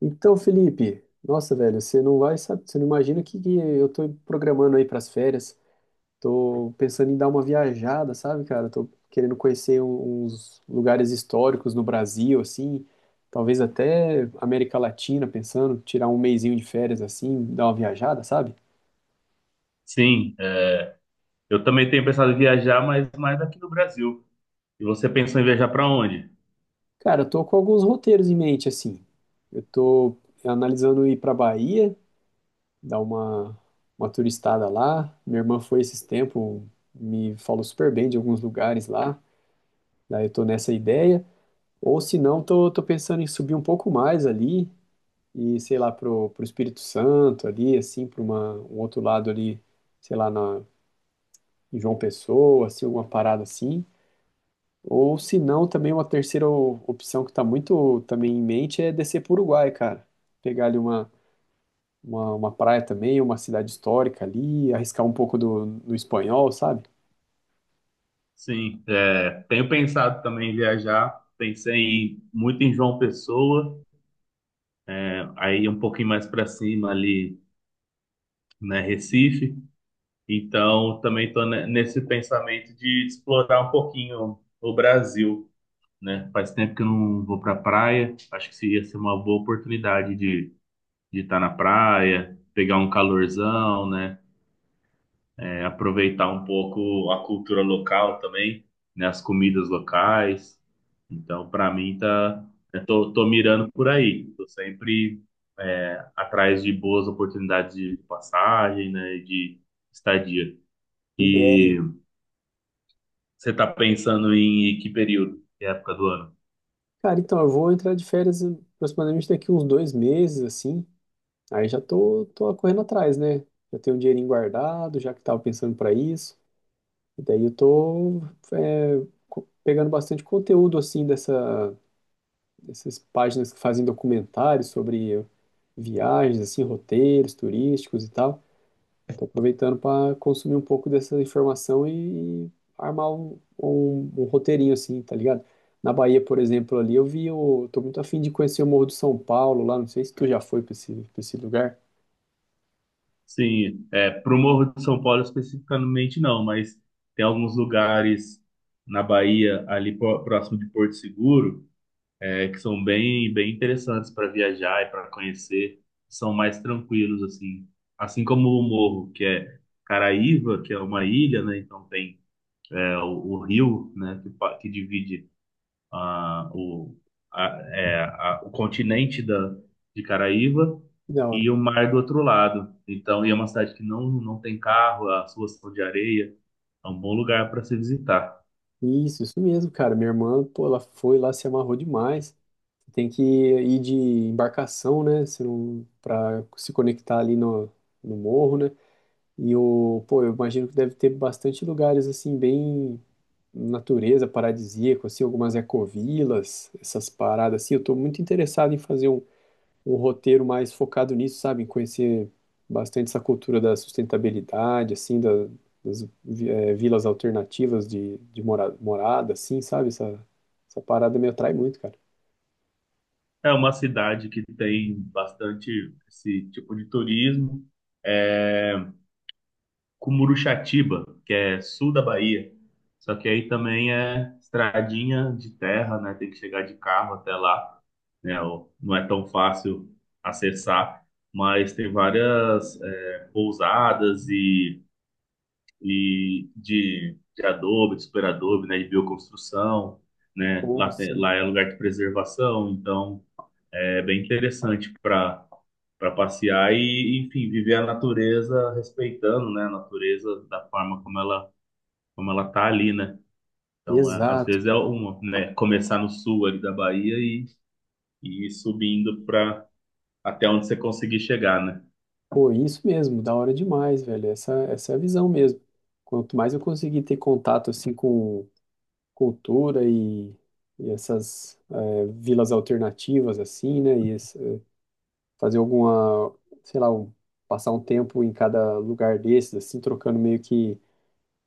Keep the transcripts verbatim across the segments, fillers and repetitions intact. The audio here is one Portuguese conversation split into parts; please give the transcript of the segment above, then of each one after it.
Então, Felipe, nossa, velho, você não vai, sabe, você não imagina que, que eu tô programando aí pras férias. Tô pensando em dar uma viajada, sabe, cara? Tô querendo conhecer um- uns lugares históricos no Brasil, assim, talvez até América Latina, pensando, tirar um mesinho de férias assim, dar uma viajada, sabe? Sim, é. Eu também tenho pensado em viajar, mas mais aqui no Brasil. E você pensou em viajar para onde? Cara, eu tô com alguns roteiros em mente, assim. Eu tô analisando ir pra Bahia dar uma, uma turistada lá. Minha irmã foi esses tempos, me falou super bem de alguns lugares lá. Daí eu tô nessa ideia. Ou se não, tô, tô pensando em subir um pouco mais ali e, sei lá, pro, pro Espírito Santo ali, assim, para uma, um outro lado ali, sei lá, na, em João Pessoa, assim, alguma parada assim. Ou se não, também uma terceira o- opção que tá muito também em mente é descer pro Uruguai, cara. Pegar ali uma uma, uma praia também, uma cidade histórica ali, arriscar um pouco do, no espanhol, sabe? Sim, é, tenho pensado também em viajar. Pensei em- muito em João Pessoa, é, aí um pouquinho mais para cima ali, né, Recife. Então, também estou nesse pensamento de explorar um pouquinho o Brasil, né? Faz tempo que eu não vou para praia. Acho que seria ser uma boa oportunidade de de estar na praia, pegar um calorzão, né? é, aproveitar um pouco a cultura local também, né, as comidas locais. Então, para mim, tá, eu tô, tô mirando por aí. Tô sempre é, atrás de boas oportunidades de passagem, né, de estadia. Ideia. E você tá pensando em que período, que época do ano? Cara, então eu vou entrar de férias hum, aproximadamente daqui uns dois meses, assim. Aí já tô, tô correndo atrás, né? Já tenho um dinheirinho guardado, já que tava pensando para isso. E daí eu tô é, co- pegando bastante conteúdo, assim, dessa, dessas páginas que fazem documentários sobre viagens, assim, roteiros turísticos e tal. Estou aproveitando para consumir um pouco dessa informação e armar um, um- um roteirinho assim, tá ligado? Na Bahia, por exemplo, ali eu vi, o- eu tô muito afim de conhecer o Morro do São Paulo lá, não sei se tu já foi para esse, pra esse lugar. Sim, é, para o Morro de São Paulo especificamente não, mas tem alguns lugares na Bahia, ali pró- próximo de Porto Seguro, é que são bem, bem interessantes para viajar e para conhecer, são mais tranquilos assim. Assim como o Morro, que é Caraíva, que é uma ilha, né? Então tem é, o, o rio, né? Que, pa- que divide ah, o, a, é, a- o continente da, de Caraíva Que da hora. e o mar do outro lado. Então, e é uma cidade que não, não tem carro, as ruas são de areia, é um bom lugar para se visitar. Isso, isso mesmo, cara. Minha irmã, pô, ela foi lá, se amarrou demais. Tem que ir de embarcação, né? Se não, para se conectar ali no, no morro, né? E o, pô, eu imagino que deve ter bastante lugares assim, bem natureza paradisíaca, assim, algumas ecovilas, essas paradas assim. Eu tô muito interessado em fazer um, um roteiro mais focado nisso, sabe? Em conhecer bastante essa cultura da sustentabilidade, assim, da- das vi- eh, vilas alternativas de, de mora- morada, assim, sabe? Essa, essa parada me atrai muito, cara. É uma cidade que tem bastante esse tipo de turismo. É Cumuruxatiba, que é sul da Bahia. Só que aí também é estradinha de terra, né? Tem que chegar de carro até lá, né? O- Não é tão fácil acessar, mas tem várias é, pousadas e, e de, de, adobe, de super adobe, né? De bioconstrução, né? Pô, Lá, tem- assim, lá é lugar de preservação, então é bem interessante para para passear e, enfim, viver a natureza respeitando, né, a natureza da forma como ela como ela tá ali, né? Então, é, às exato, vezes é cara. uma, né, começar no sul ali da Bahia e, e ir subindo para até onde você conseguir chegar, né? Pô, isso mesmo, da hora demais, velho. Essa, essa é a visão mesmo. Quanto mais eu conseguir ter contato, assim, com cultura e, e essas eh, vilas alternativas assim, né? E esse- fazer alguma, sei lá, um- passar um tempo em cada lugar desses, assim, trocando meio que um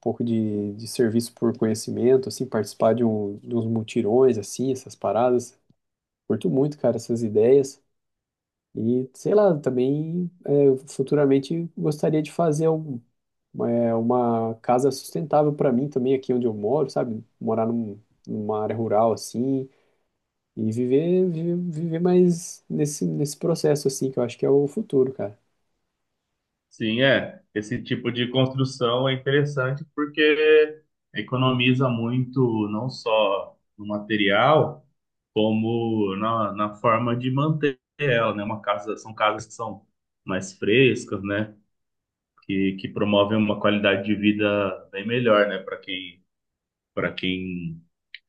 pouco de, de serviço por conhecimento, assim, participar de, um, de uns mutirões, assim, essas paradas. Curto muito, cara, essas ideias. E, sei lá, também eh, futuramente gostaria de fazer um- uma, uma casa sustentável para mim também, aqui onde eu moro, sabe? Morar num, numa área rural, assim, e viver, viver, viver mais nesse, nesse processo, assim, que eu acho que é o futuro, cara. Sim, é. Esse tipo de construção é interessante porque economiza muito não só no material, como na, na forma de manter ela, né? Uma casa, são casas que são mais frescas, né? que, que promovem uma qualidade de vida bem melhor, né, para quem, para quem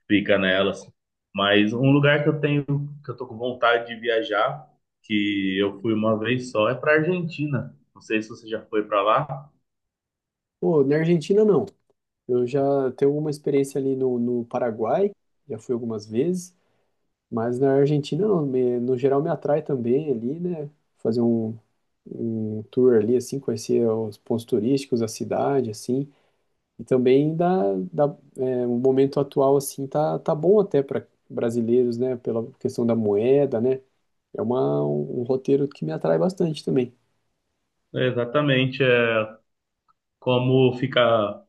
fica nelas. Mas um lugar que eu tenho, que eu tô com vontade de viajar, que eu fui uma vez só, é para Argentina. Não sei se você já foi para lá. Pô, na Argentina, não. Eu já tenho alguma experiência ali no, no Paraguai, já fui algumas vezes, mas na Argentina, não. Me- no geral, me atrai também ali, né? Fazer um, um tour ali, assim, conhecer os pontos turísticos, a cidade, assim. E também dá, dá, é, o momento atual, assim, tá, tá bom até para brasileiros, né? Pela questão da moeda, né? É uma, um um roteiro que me atrai bastante também. É, exatamente, é como fica,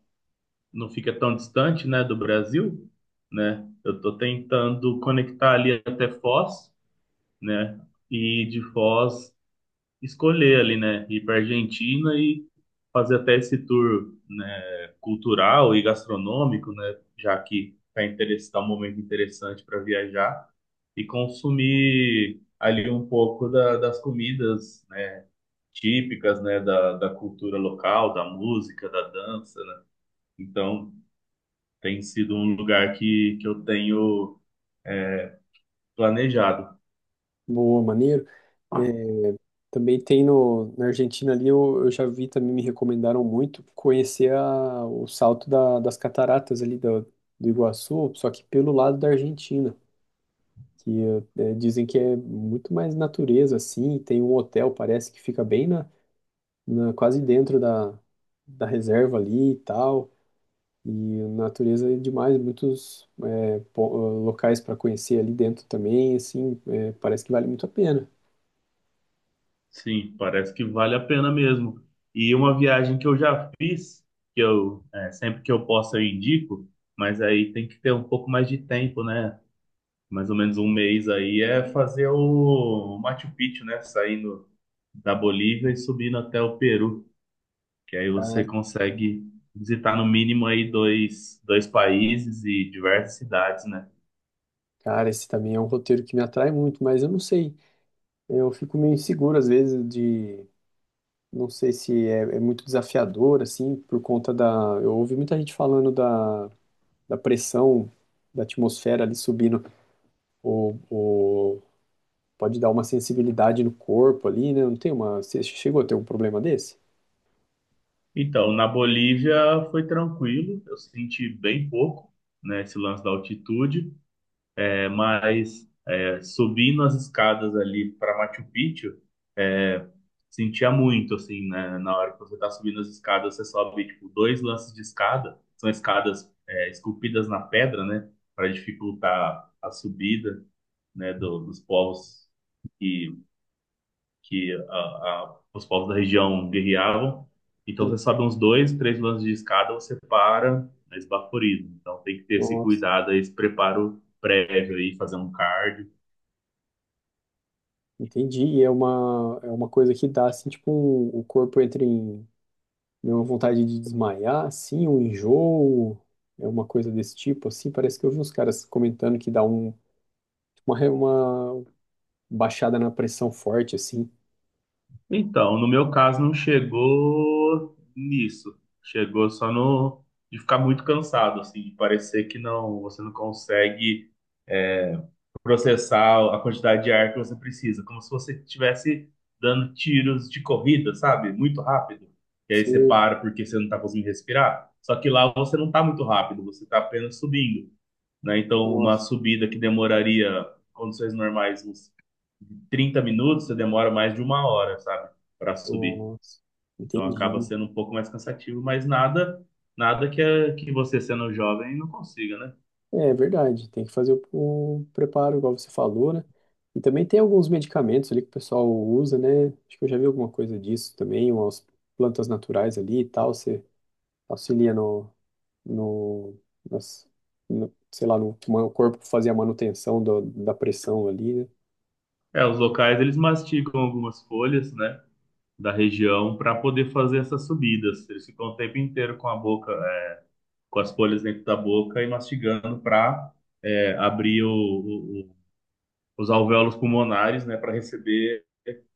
não fica tão distante, né, do Brasil, né? Eu tô tentando conectar ali até Foz, né? E de Foz escolher ali, né, ir para Argentina e fazer até esse tour, né, cultural e gastronômico, né, já que está interess- tá um momento interessante para viajar e consumir ali um pouco da- das comidas, né, típicas, né, da, da cultura local, da música, da dança, né? Então, tem sido um lugar que, que eu tenho planejado. Boa, maneiro. É, também tem no, na Argentina ali, eu, eu já vi também, me recomendaram muito conhecer a, o salto da- das cataratas ali do, do Iguaçu, só que pelo lado da Argentina, que é, dizem que é muito mais natureza, assim, tem um hotel, parece que fica bem na, na- quase dentro da, da reserva ali e tal, e natureza é demais, muitos é, po- locais para conhecer ali dentro também, assim, é, parece que vale muito a pena. Sim, parece que vale a pena mesmo. E uma viagem que eu já fiz, que eu é, sempre que eu posso eu indico, mas aí tem que ter um pouco mais de tempo, né? Mais ou menos um mês aí é fazer o Machu Picchu, né? Saindo da Bolívia e subindo até o Peru, que aí você consegue visitar no mínimo aí dois, dois países e diversas cidades, né? Cara, esse também é um roteiro que me atrai muito, mas eu não sei. Eu fico meio inseguro às vezes de. Não sei se é, é muito desafiador, assim, por conta da. Eu ouvi muita gente falando da, da pressão da atmosfera ali subindo. O, o... Pode dar uma sensibilidade no corpo ali, né? Não tem uma. Você chegou a ter um problema desse? Então, na Bolívia foi tranquilo, eu senti bem pouco, né? Esse lance da altitude, é, mas subindo as escadas ali para Machu Picchu, sentia muito, assim, né? Na hora que você tá subindo as escadas, você sobe, tipo, dois lances de escada. São escadas, é, esculpidas na pedra, né? Para dificultar a subida, né? do- dos povos que, que a- a- os povos da região guerreavam. Então, Sim. você sobe uns dois, três lances de escada, você para, é esbaforido. Então, tem que ter esse Nossa, cuidado aí, esse preparo prévio aí, fazer um cardio. entendi. E é uma, é uma coisa que dá, assim, tipo, um- o corpo entra em né, uma vontade de desmaiar, assim, um enjoo, é uma coisa desse tipo, assim, parece que eu vi uns caras comentando que dá um, uma, re- uma baixada na pressão forte, assim. Então, no meu caso, não chegou nisso. Chegou só no de ficar muito cansado, assim, de parecer que não, você não consegue processar a quantidade de ar que você precisa, como se você estivesse dando tiros de corrida, sabe? Muito rápido. E aí você Sim, para porque você não está conseguindo respirar. Só que lá você não está muito rápido, você está apenas subindo, né? Então, uma nossa, subida que demoraria, em condições normais, uns trinta minutos, você demora mais de uma hora, sabe? Para subir. nossa, Então acaba entendi. sendo um pouco mais cansativo, mas nada, nada que a- que você sendo jovem não consiga, né? É é verdade, tem que fazer o, o preparo, igual você falou, né? E também tem alguns medicamentos ali que o pessoal usa, né? Acho que eu já vi alguma coisa disso também, umas plantas naturais ali e tal, você auxilia no, no, nas- no- sei lá, no, o corpo fazia a manutenção do- da pressão ali, né? É, os locais eles mastigam algumas folhas, né, da região para poder fazer essas subidas. Eles ficam o tempo inteiro com a boca, é, com as folhas dentro da boca e mastigando para abrir o- o- o- os alvéolos pulmonares, né, para receber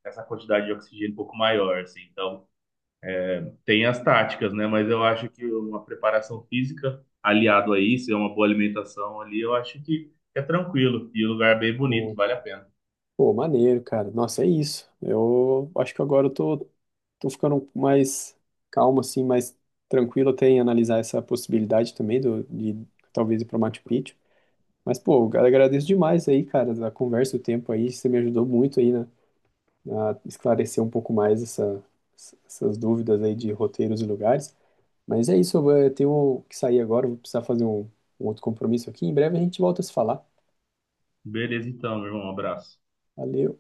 essa quantidade de oxigênio um pouco maior, assim. Então, tem as táticas, né? Mas eu acho que uma preparação física aliado a isso, é uma boa alimentação ali, eu acho que é tranquilo. E o lugar é bem bonito, Pô, vale a pena. pô, maneiro, cara. Nossa, é isso. Eu acho que agora eu tô, tô ficando mais calmo, assim, mais tranquilo até em analisar essa possibilidade também do, de talvez ir para Machu Picchu. Mas, pô, eu agradeço demais aí, cara, da conversa, o tempo aí. Você me ajudou muito aí, né? A esclarecer um pouco mais essa, essas dúvidas aí de roteiros e lugares. Mas é isso, eu vou- eu tenho que sair agora, vou precisar fazer um, um outro compromisso aqui. Em breve a gente volta a se falar. Beleza, então, meu irmão. Um abraço. Valeu.